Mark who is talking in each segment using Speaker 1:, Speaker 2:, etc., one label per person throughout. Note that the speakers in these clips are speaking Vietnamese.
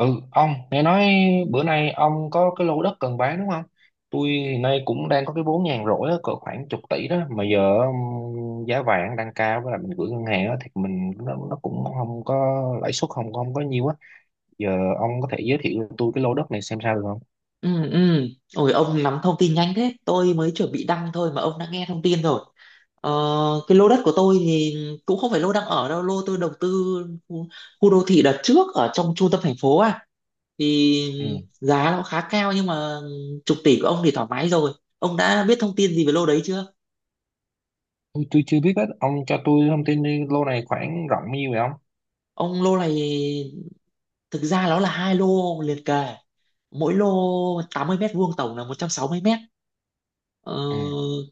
Speaker 1: Ừ, ông, nghe nói bữa nay ông có cái lô đất cần bán đúng không? Tôi hiện nay cũng đang có cái vốn nhàn rỗi á, cỡ khoảng chục tỷ đó, mà giờ giá vàng đang cao với lại mình gửi ngân hàng á, thì mình nó cũng không có lãi suất không không có nhiều á. Giờ ông có thể giới thiệu cho tôi cái lô đất này xem sao được không?
Speaker 2: Ừ, ừ. Ôi ông nắm thông tin nhanh thế! Tôi mới chuẩn bị đăng thôi mà ông đã nghe thông tin rồi. ờ, Cái lô đất của tôi thì cũng không phải lô đang ở đâu. Lô tôi đầu tư khu, khu đô thị đợt trước ở trong trung tâm thành phố à. Thì
Speaker 1: Ừ.
Speaker 2: giá nó khá cao nhưng mà chục tỷ của ông thì thoải mái rồi. Ông đã biết thông tin gì về lô đấy chưa?
Speaker 1: Tôi chưa biết hết, ông cho tôi thông tin đi, lô này khoảng rộng bao nhiêu vậy ông?
Speaker 2: Ông, lô này thực ra nó là hai lô liền kề. Mỗi lô 80 mét vuông, tổng là 160 mét. Ờ,
Speaker 1: Ừ.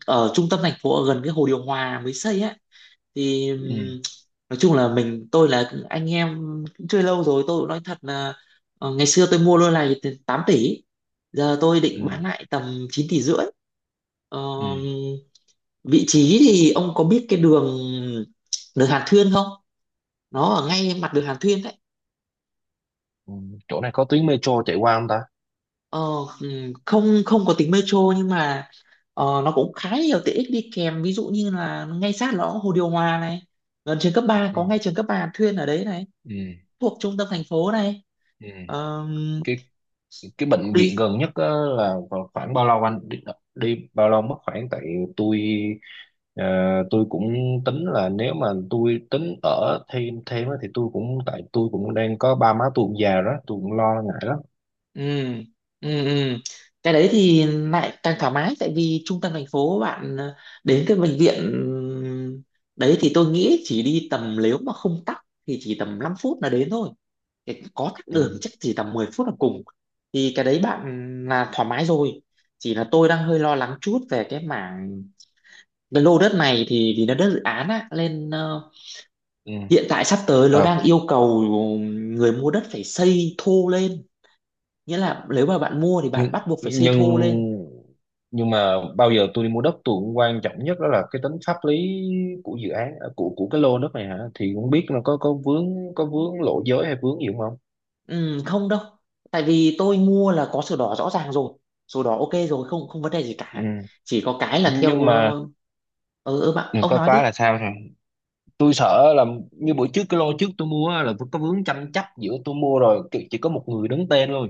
Speaker 2: Ở trung tâm thành phố, ở gần cái hồ điều hòa mới xây ấy thì
Speaker 1: Ừ.
Speaker 2: nói chung là mình tôi là anh em, cũng chơi lâu rồi, tôi cũng nói thật là ngày xưa tôi mua lô này từ 8 tỷ, giờ tôi
Speaker 1: Ừ.
Speaker 2: định bán lại tầm 9 tỷ rưỡi. Ờ,
Speaker 1: Ừ.
Speaker 2: Vị trí thì ông có biết cái đường đường Hàn Thuyên không? Nó ở ngay mặt đường Hàn Thuyên đấy.
Speaker 1: Ừ. Chỗ này có tuyến metro chạy qua không ta?
Speaker 2: Ờ, không không có tính metro nhưng mà nó cũng khá nhiều tiện ích đi kèm, ví dụ như là ngay sát nó có hồ điều hòa này, gần trường cấp ba,
Speaker 1: Ừ.
Speaker 2: có ngay trường cấp 3 Hàn Thuyên ở đấy này,
Speaker 1: Ừ.
Speaker 2: thuộc trung tâm thành phố này.
Speaker 1: Ừ.
Speaker 2: Ờ,
Speaker 1: Cái cái bệnh
Speaker 2: đi
Speaker 1: viện gần nhất á, là còn khoảng bao lâu anh đi bao lâu mất khoảng, tại tôi, ờ, tôi cũng tính là nếu mà tôi tính ở thêm thêm á, thì tôi cũng, tại tôi cũng đang có ba má tôi cũng già rồi đó, tôi cũng lo ngại lắm.
Speaker 2: ừ, ừ, ừ. Cái đấy thì lại càng thoải mái, tại vì trung tâm thành phố bạn, đến cái bệnh viện đấy thì tôi nghĩ chỉ đi tầm, nếu mà không tắc thì chỉ tầm 5 phút là đến thôi. Có tắc
Speaker 1: Ừ.
Speaker 2: đường chắc chỉ tầm 10 phút là cùng, thì cái đấy bạn là thoải mái rồi. Chỉ là tôi đang hơi lo lắng chút về cái mảng, cái lô đất này thì vì nó đất dự án á nên
Speaker 1: ừ
Speaker 2: hiện tại sắp tới nó
Speaker 1: ờ
Speaker 2: đang yêu cầu người mua đất phải xây thô lên, nghĩa là nếu mà bạn mua thì bạn
Speaker 1: nhưng
Speaker 2: bắt buộc phải xây
Speaker 1: nhưng
Speaker 2: thô lên.
Speaker 1: nhưng mà bao giờ tôi đi mua đất tôi cũng quan trọng nhất đó là cái tính pháp lý của dự án à, của cái lô đất này hả, thì cũng biết là có vướng lộ giới hay vướng gì không.
Speaker 2: Ừ, không đâu, tại vì tôi mua là có sổ đỏ rõ ràng rồi, sổ đỏ ok rồi, không không vấn đề gì
Speaker 1: Ừ.
Speaker 2: cả. Chỉ có cái là theo
Speaker 1: Nhưng mà
Speaker 2: ừ, ừ bạn,
Speaker 1: ừ,
Speaker 2: ông
Speaker 1: có
Speaker 2: nói
Speaker 1: có
Speaker 2: đi.
Speaker 1: là sao rồi. Tôi sợ là như buổi trước cái lô trước tôi mua á, là vẫn có vướng tranh chấp, giữa tôi mua rồi chỉ có một người đứng tên thôi,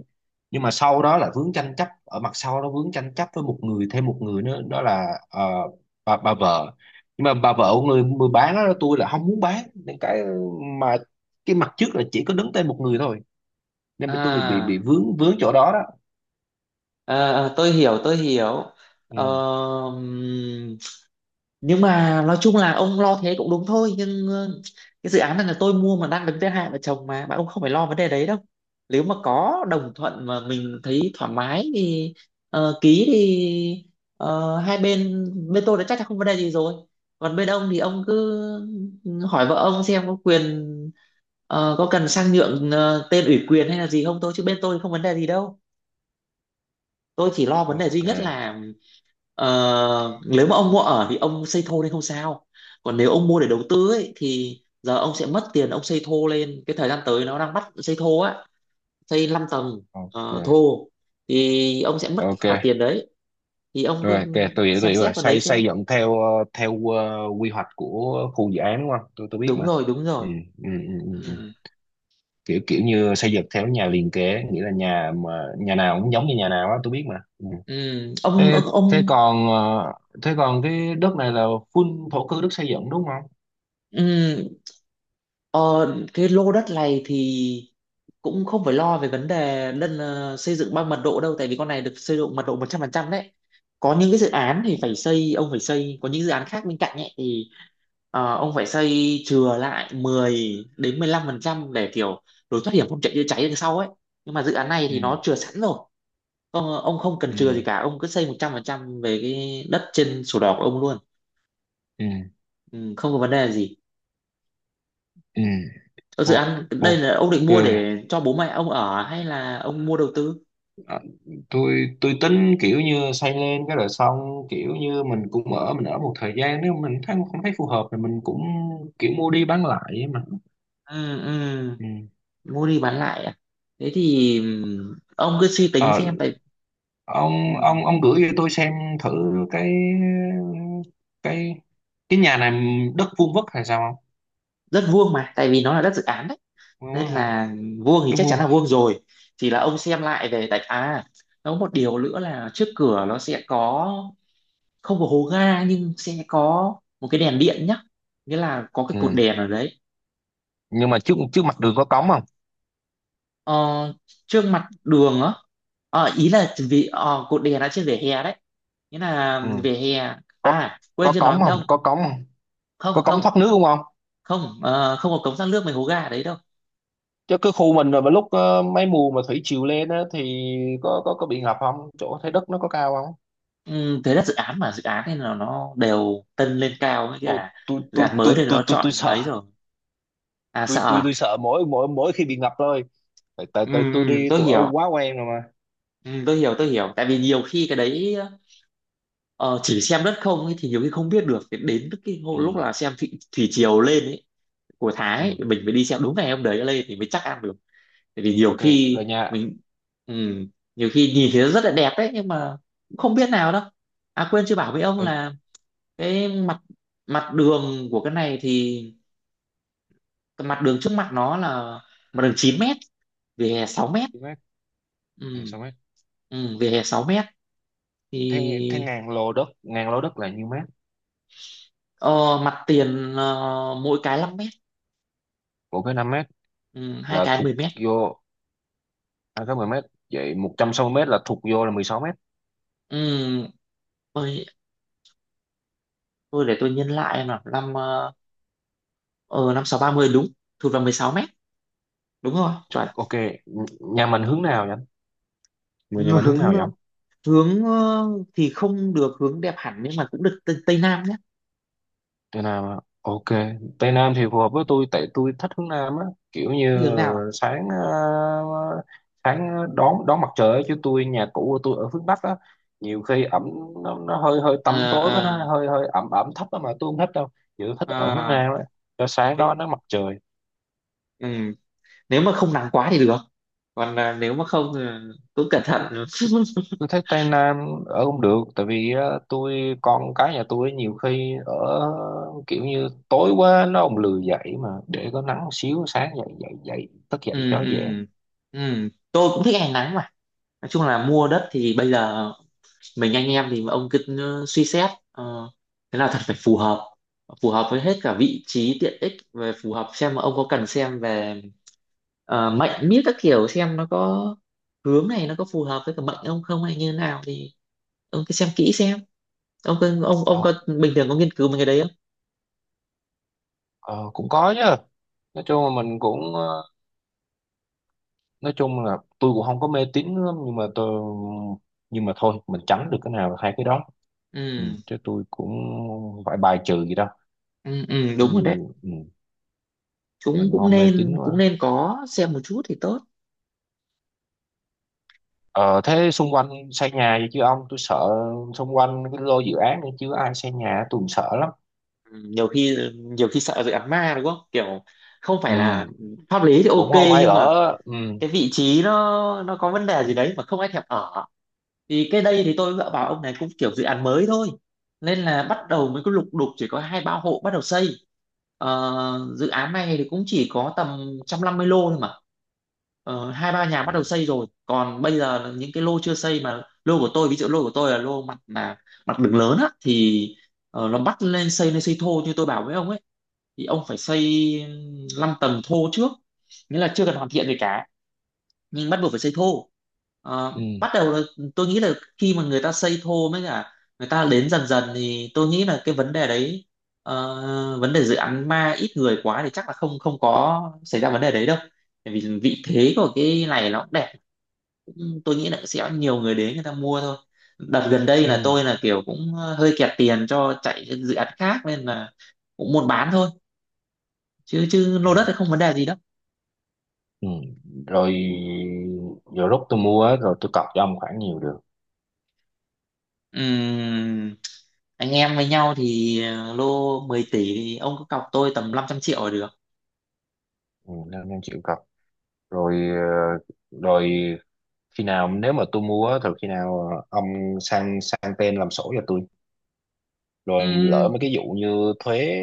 Speaker 1: nhưng mà sau đó là vướng tranh chấp ở mặt sau, nó vướng tranh chấp với một người, thêm một người nữa, đó là, bà vợ. Nhưng mà bà vợ của người người bán đó, tôi là không muốn bán, nên cái, mà cái mặt trước là chỉ có đứng tên một người thôi, nên mà tôi bị
Speaker 2: À,
Speaker 1: vướng vướng chỗ đó đó.
Speaker 2: tôi hiểu tôi hiểu.
Speaker 1: Ừ,
Speaker 2: Ờ, nhưng mà nói chung là ông lo thế cũng đúng thôi, nhưng cái dự án này là tôi mua mà đang đứng thứ hai vợ chồng mà bạn, ông không phải lo vấn đề đấy đâu. Nếu mà có đồng thuận mà mình thấy thoải mái thì ký thì hai bên, bên tôi đã chắc chắn không vấn đề gì rồi, còn bên ông thì ông cứ hỏi vợ ông xem có quyền có cần sang nhượng tên ủy quyền hay là gì không, thôi chứ bên tôi không vấn đề gì đâu. Tôi chỉ lo vấn đề duy
Speaker 1: ok,
Speaker 2: nhất là nếu mà ông mua ở thì ông xây thô lên không sao, còn nếu ông mua để đầu tư ấy thì giờ ông sẽ mất tiền, ông xây thô lên cái thời gian tới nó đang bắt xây thô á, xây 5 tầng
Speaker 1: ok,
Speaker 2: thô, thì ông sẽ mất cái
Speaker 1: ok
Speaker 2: khoản tiền đấy. Thì ông cứ
Speaker 1: rồi kìa, tôi hiểu, tôi
Speaker 2: xem
Speaker 1: hiểu rồi,
Speaker 2: xét vào đấy
Speaker 1: xây
Speaker 2: xem.
Speaker 1: xây dựng theo, theo quy hoạch của khu dự án đúng không, tôi biết
Speaker 2: Đúng
Speaker 1: mà.
Speaker 2: rồi, đúng rồi.
Speaker 1: Ừ, ừ, ừ, ừ. Ừ.
Speaker 2: Ừ.
Speaker 1: kiểu kiểu như xây dựng theo nhà liền kề, nghĩa là nhà nào cũng giống như nhà nào á, tôi biết mà. Ừ.
Speaker 2: Ừ. ông
Speaker 1: thế thế
Speaker 2: ông
Speaker 1: còn ờ, thế còn cái đất này là full thổ cư, đất xây dựng đúng không?
Speaker 2: ừ. Ờ, cái lô đất này thì cũng không phải lo về vấn đề lân xây dựng bằng mật độ đâu, tại vì con này được xây dựng mật độ 100% đấy. Có những cái dự án thì phải xây, ông phải xây, có những dự án khác bên cạnh ấy thì ông phải xây chừa lại 10 đến 15% để kiểu lối thoát hiểm, không chạy chữa cháy đằng sau ấy. Nhưng mà dự án này
Speaker 1: Ừ,
Speaker 2: thì nó chừa sẵn rồi. Ông không cần
Speaker 1: ừ,
Speaker 2: chừa gì cả, ông cứ xây 100% về cái đất trên sổ đỏ của ông luôn.
Speaker 1: ừ,
Speaker 2: Ừ, không có vấn đề gì.
Speaker 1: ừ.
Speaker 2: Ở dự
Speaker 1: O-
Speaker 2: án đây là ông định
Speaker 1: ok.
Speaker 2: mua để cho bố mẹ ông ở hay là ông mua đầu tư?
Speaker 1: À, tôi tính kiểu như xây lên cái rồi xong, kiểu như mình cũng ở, mình ở một thời gian, nếu mình thấy không thấy phù hợp thì mình cũng kiểu mua đi bán lại ấy mà.
Speaker 2: Ừ, ừ,
Speaker 1: Ừ.
Speaker 2: mua đi bán lại à? Thế thì ông cứ suy tính
Speaker 1: Ờ,
Speaker 2: xem. Tại
Speaker 1: ông
Speaker 2: ừm,
Speaker 1: ông ông gửi cho tôi xem thử cái cái cái nhà này đất vuông vức hay sao.
Speaker 2: đất vuông mà, tại vì nó là đất dự án đấy,
Speaker 1: Không vuông
Speaker 2: nên
Speaker 1: vức hả?
Speaker 2: là vuông thì
Speaker 1: Đất
Speaker 2: chắc chắn
Speaker 1: vuông.
Speaker 2: là vuông rồi. Chỉ là ông xem lại về, tại à nó có một điều nữa là trước cửa nó sẽ có, không có hố ga nhưng sẽ có một cái đèn điện nhá, nghĩa là có cái cột
Speaker 1: Ừ.
Speaker 2: đèn ở đấy.
Speaker 1: Nhưng mà trước trước mặt đường có cống không?
Speaker 2: ờ, Trước mặt đường á, ý là vì cột đèn đã trên vỉa hè đấy, nghĩa là
Speaker 1: Ừ.
Speaker 2: vỉa hè,
Speaker 1: có
Speaker 2: à quên
Speaker 1: có
Speaker 2: chưa nói
Speaker 1: cống
Speaker 2: với
Speaker 1: không,
Speaker 2: ông.
Speaker 1: có cống không,
Speaker 2: không
Speaker 1: có cống
Speaker 2: không
Speaker 1: thoát nước không?
Speaker 2: không, không có cống thoát nước mấy hố ga đấy đâu.
Speaker 1: Chứ cái khu mình rồi, mà lúc, mấy mùa mà thủy triều lên á thì có bị ngập không, chỗ Thái Đức nó có cao không?
Speaker 2: Ừ, thế là dự án mà, dự án này là nó đều tân lên cao, với
Speaker 1: Ồ,
Speaker 2: cả
Speaker 1: tôi
Speaker 2: dự
Speaker 1: tôi
Speaker 2: án mới
Speaker 1: tôi
Speaker 2: thì
Speaker 1: tôi
Speaker 2: nó
Speaker 1: tôi tôi
Speaker 2: chọn
Speaker 1: sợ
Speaker 2: ấy rồi. À,
Speaker 1: tôi
Speaker 2: sợ
Speaker 1: tôi
Speaker 2: à?
Speaker 1: tôi sợ mỗi mỗi mỗi khi bị ngập thôi, tại tại
Speaker 2: Ừ,
Speaker 1: tại
Speaker 2: ừ, tôi
Speaker 1: tôi ở
Speaker 2: hiểu.
Speaker 1: quá quen rồi mà.
Speaker 2: Ừ, tôi hiểu, tôi hiểu, tại vì nhiều khi cái đấy ờ, chỉ xem đất không ấy, thì nhiều khi không biết được. Thì đến cái
Speaker 1: Ừ,
Speaker 2: lúc là xem thủy triều lên ấy, của Thái ấy,
Speaker 1: ừ,
Speaker 2: mình mới đi xem đúng ngày hôm đấy lên thì mới chắc ăn được, tại vì nhiều
Speaker 1: ok rồi
Speaker 2: khi
Speaker 1: nha.
Speaker 2: mình, ừ, nhiều khi nhìn thấy nó rất là đẹp đấy nhưng mà cũng không biết nào đâu. À quên chưa bảo với ông
Speaker 1: Rồi,
Speaker 2: là cái mặt mặt đường của cái này thì cái mặt đường trước mặt nó là mặt đường 9 mét, vỉa hè 6 mét.
Speaker 1: nhiêu mét?
Speaker 2: Ừ,
Speaker 1: Nè, sao mét?
Speaker 2: ừ, vỉa hè 6 mét thì
Speaker 1: Thế thế ngàn lô đất là nhiêu mét?
Speaker 2: ờ, mặt tiền mỗi cái 5 mét.
Speaker 1: Của cái 5 mét
Speaker 2: Ừ, hai
Speaker 1: là
Speaker 2: cái
Speaker 1: thuộc
Speaker 2: 10 mét.
Speaker 1: vô, à, cái 10 mét, vậy 160 mét là thuộc vô là 16 mét.
Speaker 2: Ừ, tôi, tôi để tôi nhân lại em nào năm ờ, năm sáu ba mươi đúng, thụt vào 16 mét, đúng rồi, chuẩn.
Speaker 1: Ok. Nhà mình hướng nào vậy? Người nhà mình hướng
Speaker 2: Hướng
Speaker 1: nào vậy?
Speaker 2: Hướng thì không được hướng đẹp hẳn nhưng mà cũng được tây nam nhé.
Speaker 1: Tây Nam á. Ok, Tây Nam thì phù hợp với tôi, tại tôi thích hướng Nam á, kiểu như
Speaker 2: Đi hướng nào à?
Speaker 1: sáng, sáng đón đón mặt trời á, chứ tôi nhà cũ của tôi ở hướng Bắc á, nhiều khi ẩm, nó hơi hơi tăm
Speaker 2: Ờ,
Speaker 1: tối, với
Speaker 2: ờ,
Speaker 1: nó hơi hơi ẩm ẩm thấp á, mà tôi không thích đâu, chỉ thích ở hướng
Speaker 2: ờ,
Speaker 1: Nam á, cho sáng đó
Speaker 2: thế-
Speaker 1: nó mặt trời.
Speaker 2: ừ, nếu mà không nắng quá thì được, còn à, nếu mà không thì cũng cẩn thận.
Speaker 1: tôi, tôi thấy Tây Nam ở không được, tại vì, tôi con cái nhà tôi nhiều khi ở kiểu như tối quá nó không lười dậy, mà để có nắng xíu sáng dậy dậy dậy thức dậy
Speaker 2: Ừ,
Speaker 1: cho
Speaker 2: ừ,
Speaker 1: dễ.
Speaker 2: ừ tôi cũng thích ngày nắng mà. Nói chung là mua đất thì bây giờ mình anh em thì ông cứ suy xét thế nào thật phải phù hợp, phù hợp với hết cả vị trí tiện ích, về phù hợp xem mà ông có cần xem về mệnh miết các kiểu xem nó có hướng này nó có phù hợp với cả mệnh ông không hay như thế nào, thì ông cứ xem kỹ xem. Ông
Speaker 1: Ờ,
Speaker 2: có bình thường có nghiên cứu mấy cái đấy không?
Speaker 1: ờ, cũng có chứ. Nói chung là mình cũng, nói chung là tôi cũng không có mê tín lắm, nhưng mà tôi, nhưng mà thôi mình tránh được cái nào là hai cái đó.
Speaker 2: Ừ,
Speaker 1: Ừ, chứ tôi cũng không phải bài trừ gì đâu,
Speaker 2: ừ, ừ
Speaker 1: cũng
Speaker 2: đúng rồi đấy,
Speaker 1: như, ừ,
Speaker 2: chúng
Speaker 1: mình
Speaker 2: cũng
Speaker 1: không mê
Speaker 2: nên,
Speaker 1: tín
Speaker 2: cũng
Speaker 1: quá.
Speaker 2: nên có xem một chút thì tốt.
Speaker 1: Ờ, thế xung quanh xây nhà gì chứ ông, tôi sợ, xung quanh cái lô dự án này chứ ai xây nhà tôi cũng sợ lắm.
Speaker 2: Ừ, nhiều khi, nhiều khi sợ dự án ma đúng không, kiểu không
Speaker 1: Ừ,
Speaker 2: phải là pháp lý thì
Speaker 1: cũng
Speaker 2: ok
Speaker 1: không hay
Speaker 2: nhưng mà
Speaker 1: ở. Ừ,
Speaker 2: cái vị trí nó có vấn đề gì đấy mà không ai thèm ở. Thì cái đây thì tôi dựa vào ông này cũng kiểu dự án mới thôi, nên là bắt đầu mới có lục đục, chỉ có hai ba hộ bắt đầu xây. Ờ, dự án này thì cũng chỉ có tầm 150 lô thôi mà. Ờ, hai ba nhà bắt đầu
Speaker 1: ừ,
Speaker 2: xây rồi, còn bây giờ là những cái lô chưa xây, mà lô của tôi, ví dụ lô của tôi là lô mặt là mặt đường lớn á thì nó bắt lên xây, lên xây thô như tôi bảo với ông ấy, thì ông phải xây 5 tầng thô trước, nghĩa là chưa cần hoàn thiện gì cả nhưng bắt buộc phải xây thô. Ờ,
Speaker 1: ừ,
Speaker 2: bắt đầu là tôi nghĩ là khi mà người ta xây thô mới cả người ta đến dần dần thì tôi nghĩ là cái vấn đề đấy ờ, vấn đề dự án ma ít người quá thì chắc là không không có xảy ra vấn đề đấy đâu, bởi vì vị thế của cái này nó cũng đẹp, tôi nghĩ là sẽ nhiều người đến, người ta mua thôi. Đợt gần đây là
Speaker 1: ừ,
Speaker 2: tôi là kiểu cũng hơi kẹt tiền cho chạy dự án khác nên là cũng muốn bán thôi, chứ chứ
Speaker 1: ừ.
Speaker 2: lô đất thì không vấn đề gì đâu.
Speaker 1: Ừ. Rồi, giờ lúc tôi mua á, rồi tôi cọc cho ông khoảng nhiều được?
Speaker 2: Ừm, anh em với nhau thì lô 10 tỷ thì ông cứ cọc tôi tầm 500 triệu là được.
Speaker 1: Ừ, 500 triệu cặp. Rồi, ờ, rồi khi nào nếu mà tôi mua á, thì khi nào, ờ, ông sang sang tên làm sổ cho tôi, rồi lỡ
Speaker 2: Ừm,
Speaker 1: mấy cái vụ như thuế,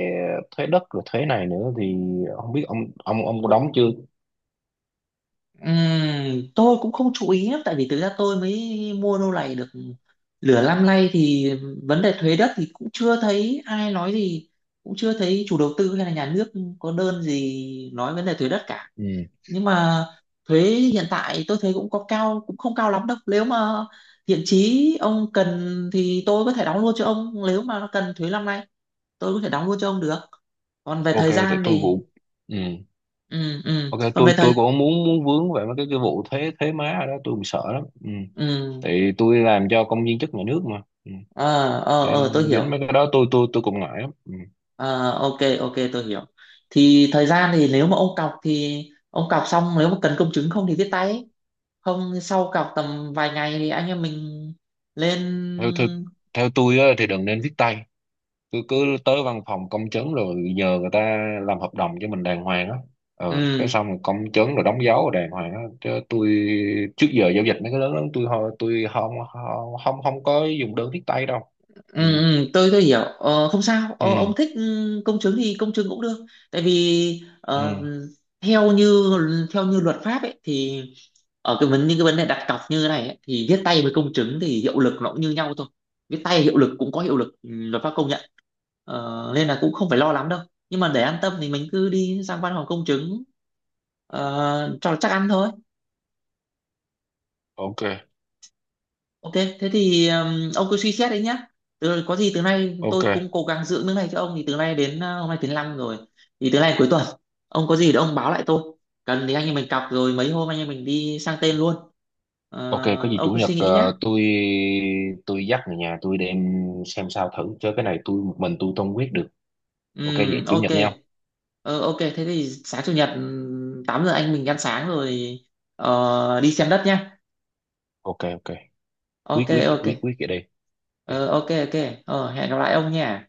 Speaker 1: thuế đất rồi thuế này nữa thì không biết ông, ông có đóng chưa?
Speaker 2: tôi cũng không chú ý lắm, tại vì thực ra tôi mới mua lô này được nửa năm nay thì vấn đề thuế đất thì cũng chưa thấy ai nói gì, cũng chưa thấy chủ đầu tư hay là nhà nước có đơn gì nói vấn đề thuế đất cả.
Speaker 1: Ừ.
Speaker 2: Nhưng mà thuế hiện tại tôi thấy cũng có cao, cũng không cao lắm đâu, nếu mà thiện chí ông cần thì tôi có thể đóng luôn cho ông, nếu mà nó cần thuế năm nay tôi có thể đóng luôn cho ông được. Còn về
Speaker 1: Ok,
Speaker 2: thời
Speaker 1: tại
Speaker 2: gian
Speaker 1: tôi
Speaker 2: thì
Speaker 1: cũng, ừ,
Speaker 2: ừ, ừ
Speaker 1: ok
Speaker 2: còn về
Speaker 1: tôi
Speaker 2: thời,
Speaker 1: tôi cũng muốn muốn vướng về mấy cái vụ thuế thuế má ở đó tôi cũng sợ lắm. Ừ.
Speaker 2: ừ
Speaker 1: Tại tôi làm cho công viên chức nhà nước mà. Ừ.
Speaker 2: ờ tôi
Speaker 1: Nên
Speaker 2: hiểu.
Speaker 1: dính mấy cái đó tôi cũng ngại lắm. Ừ.
Speaker 2: Ờ ok, ok, tôi hiểu. Thì thời gian thì nếu mà ông cọc thì ông cọc xong, nếu mà cần công chứng, không thì viết tay ấy. Không thì sau cọc tầm vài ngày thì anh em mình lên.
Speaker 1: theo, theo Theo tôi á, thì đừng nên viết tay, cứ cứ tới văn phòng công chứng rồi nhờ người ta làm hợp đồng cho mình đàng hoàng á, ờ cái
Speaker 2: Ừ,
Speaker 1: xong rồi công chứng rồi đóng dấu rồi đàng hoàng á, chứ tôi trước giờ giao dịch mấy cái lớn lớn tôi, tôi không không không không có dùng đơn viết tay đâu.
Speaker 2: ừ,
Speaker 1: Ừ,
Speaker 2: ừ, tôi hiểu, không sao, ông
Speaker 1: ừ,
Speaker 2: thích công chứng thì công chứng cũng được, tại vì
Speaker 1: ừ.
Speaker 2: theo như theo như luật pháp ấy thì ở cái vấn những cái vấn đề đặt cọc như thế này ấy, thì viết tay với công chứng thì hiệu lực nó cũng như nhau thôi, viết tay hiệu lực cũng có hiệu lực, ừ, luật pháp công nhận. Ờ, nên là cũng không phải lo lắm đâu, nhưng mà để an tâm thì mình cứ đi sang văn phòng công chứng cho nó chắc ăn thôi.
Speaker 1: Ok,
Speaker 2: Ok, thế thì ông cứ suy xét đấy nhá. Có gì từ nay tôi
Speaker 1: ok,
Speaker 2: cũng cố gắng giữ nước này cho ông, thì từ nay đến hôm nay thứ năm rồi. Thì từ nay cuối tuần ông có gì thì ông báo lại tôi. Cần thì anh em mình cọc rồi mấy hôm anh em mình đi sang tên luôn.
Speaker 1: ok, có
Speaker 2: Ờ,
Speaker 1: gì
Speaker 2: ông
Speaker 1: chủ
Speaker 2: cứ
Speaker 1: nhật,
Speaker 2: suy nghĩ nhá.
Speaker 1: tôi dắt người nhà tôi đem xem sao thử, chứ cái này tôi một mình tôi không quyết được.
Speaker 2: Ừ,
Speaker 1: Ok, vậy chủ
Speaker 2: ok.
Speaker 1: nhật nhau.
Speaker 2: Ờ, ok, thế thì sáng chủ nhật 8 giờ anh mình ăn sáng rồi đi xem đất nhá.
Speaker 1: Ok, ok. quyết
Speaker 2: Ok,
Speaker 1: quyết
Speaker 2: ok.
Speaker 1: quyết quyết vậy đi. Ok.
Speaker 2: Ờ, ok, ok. Ờ, hẹn gặp lại ông nha.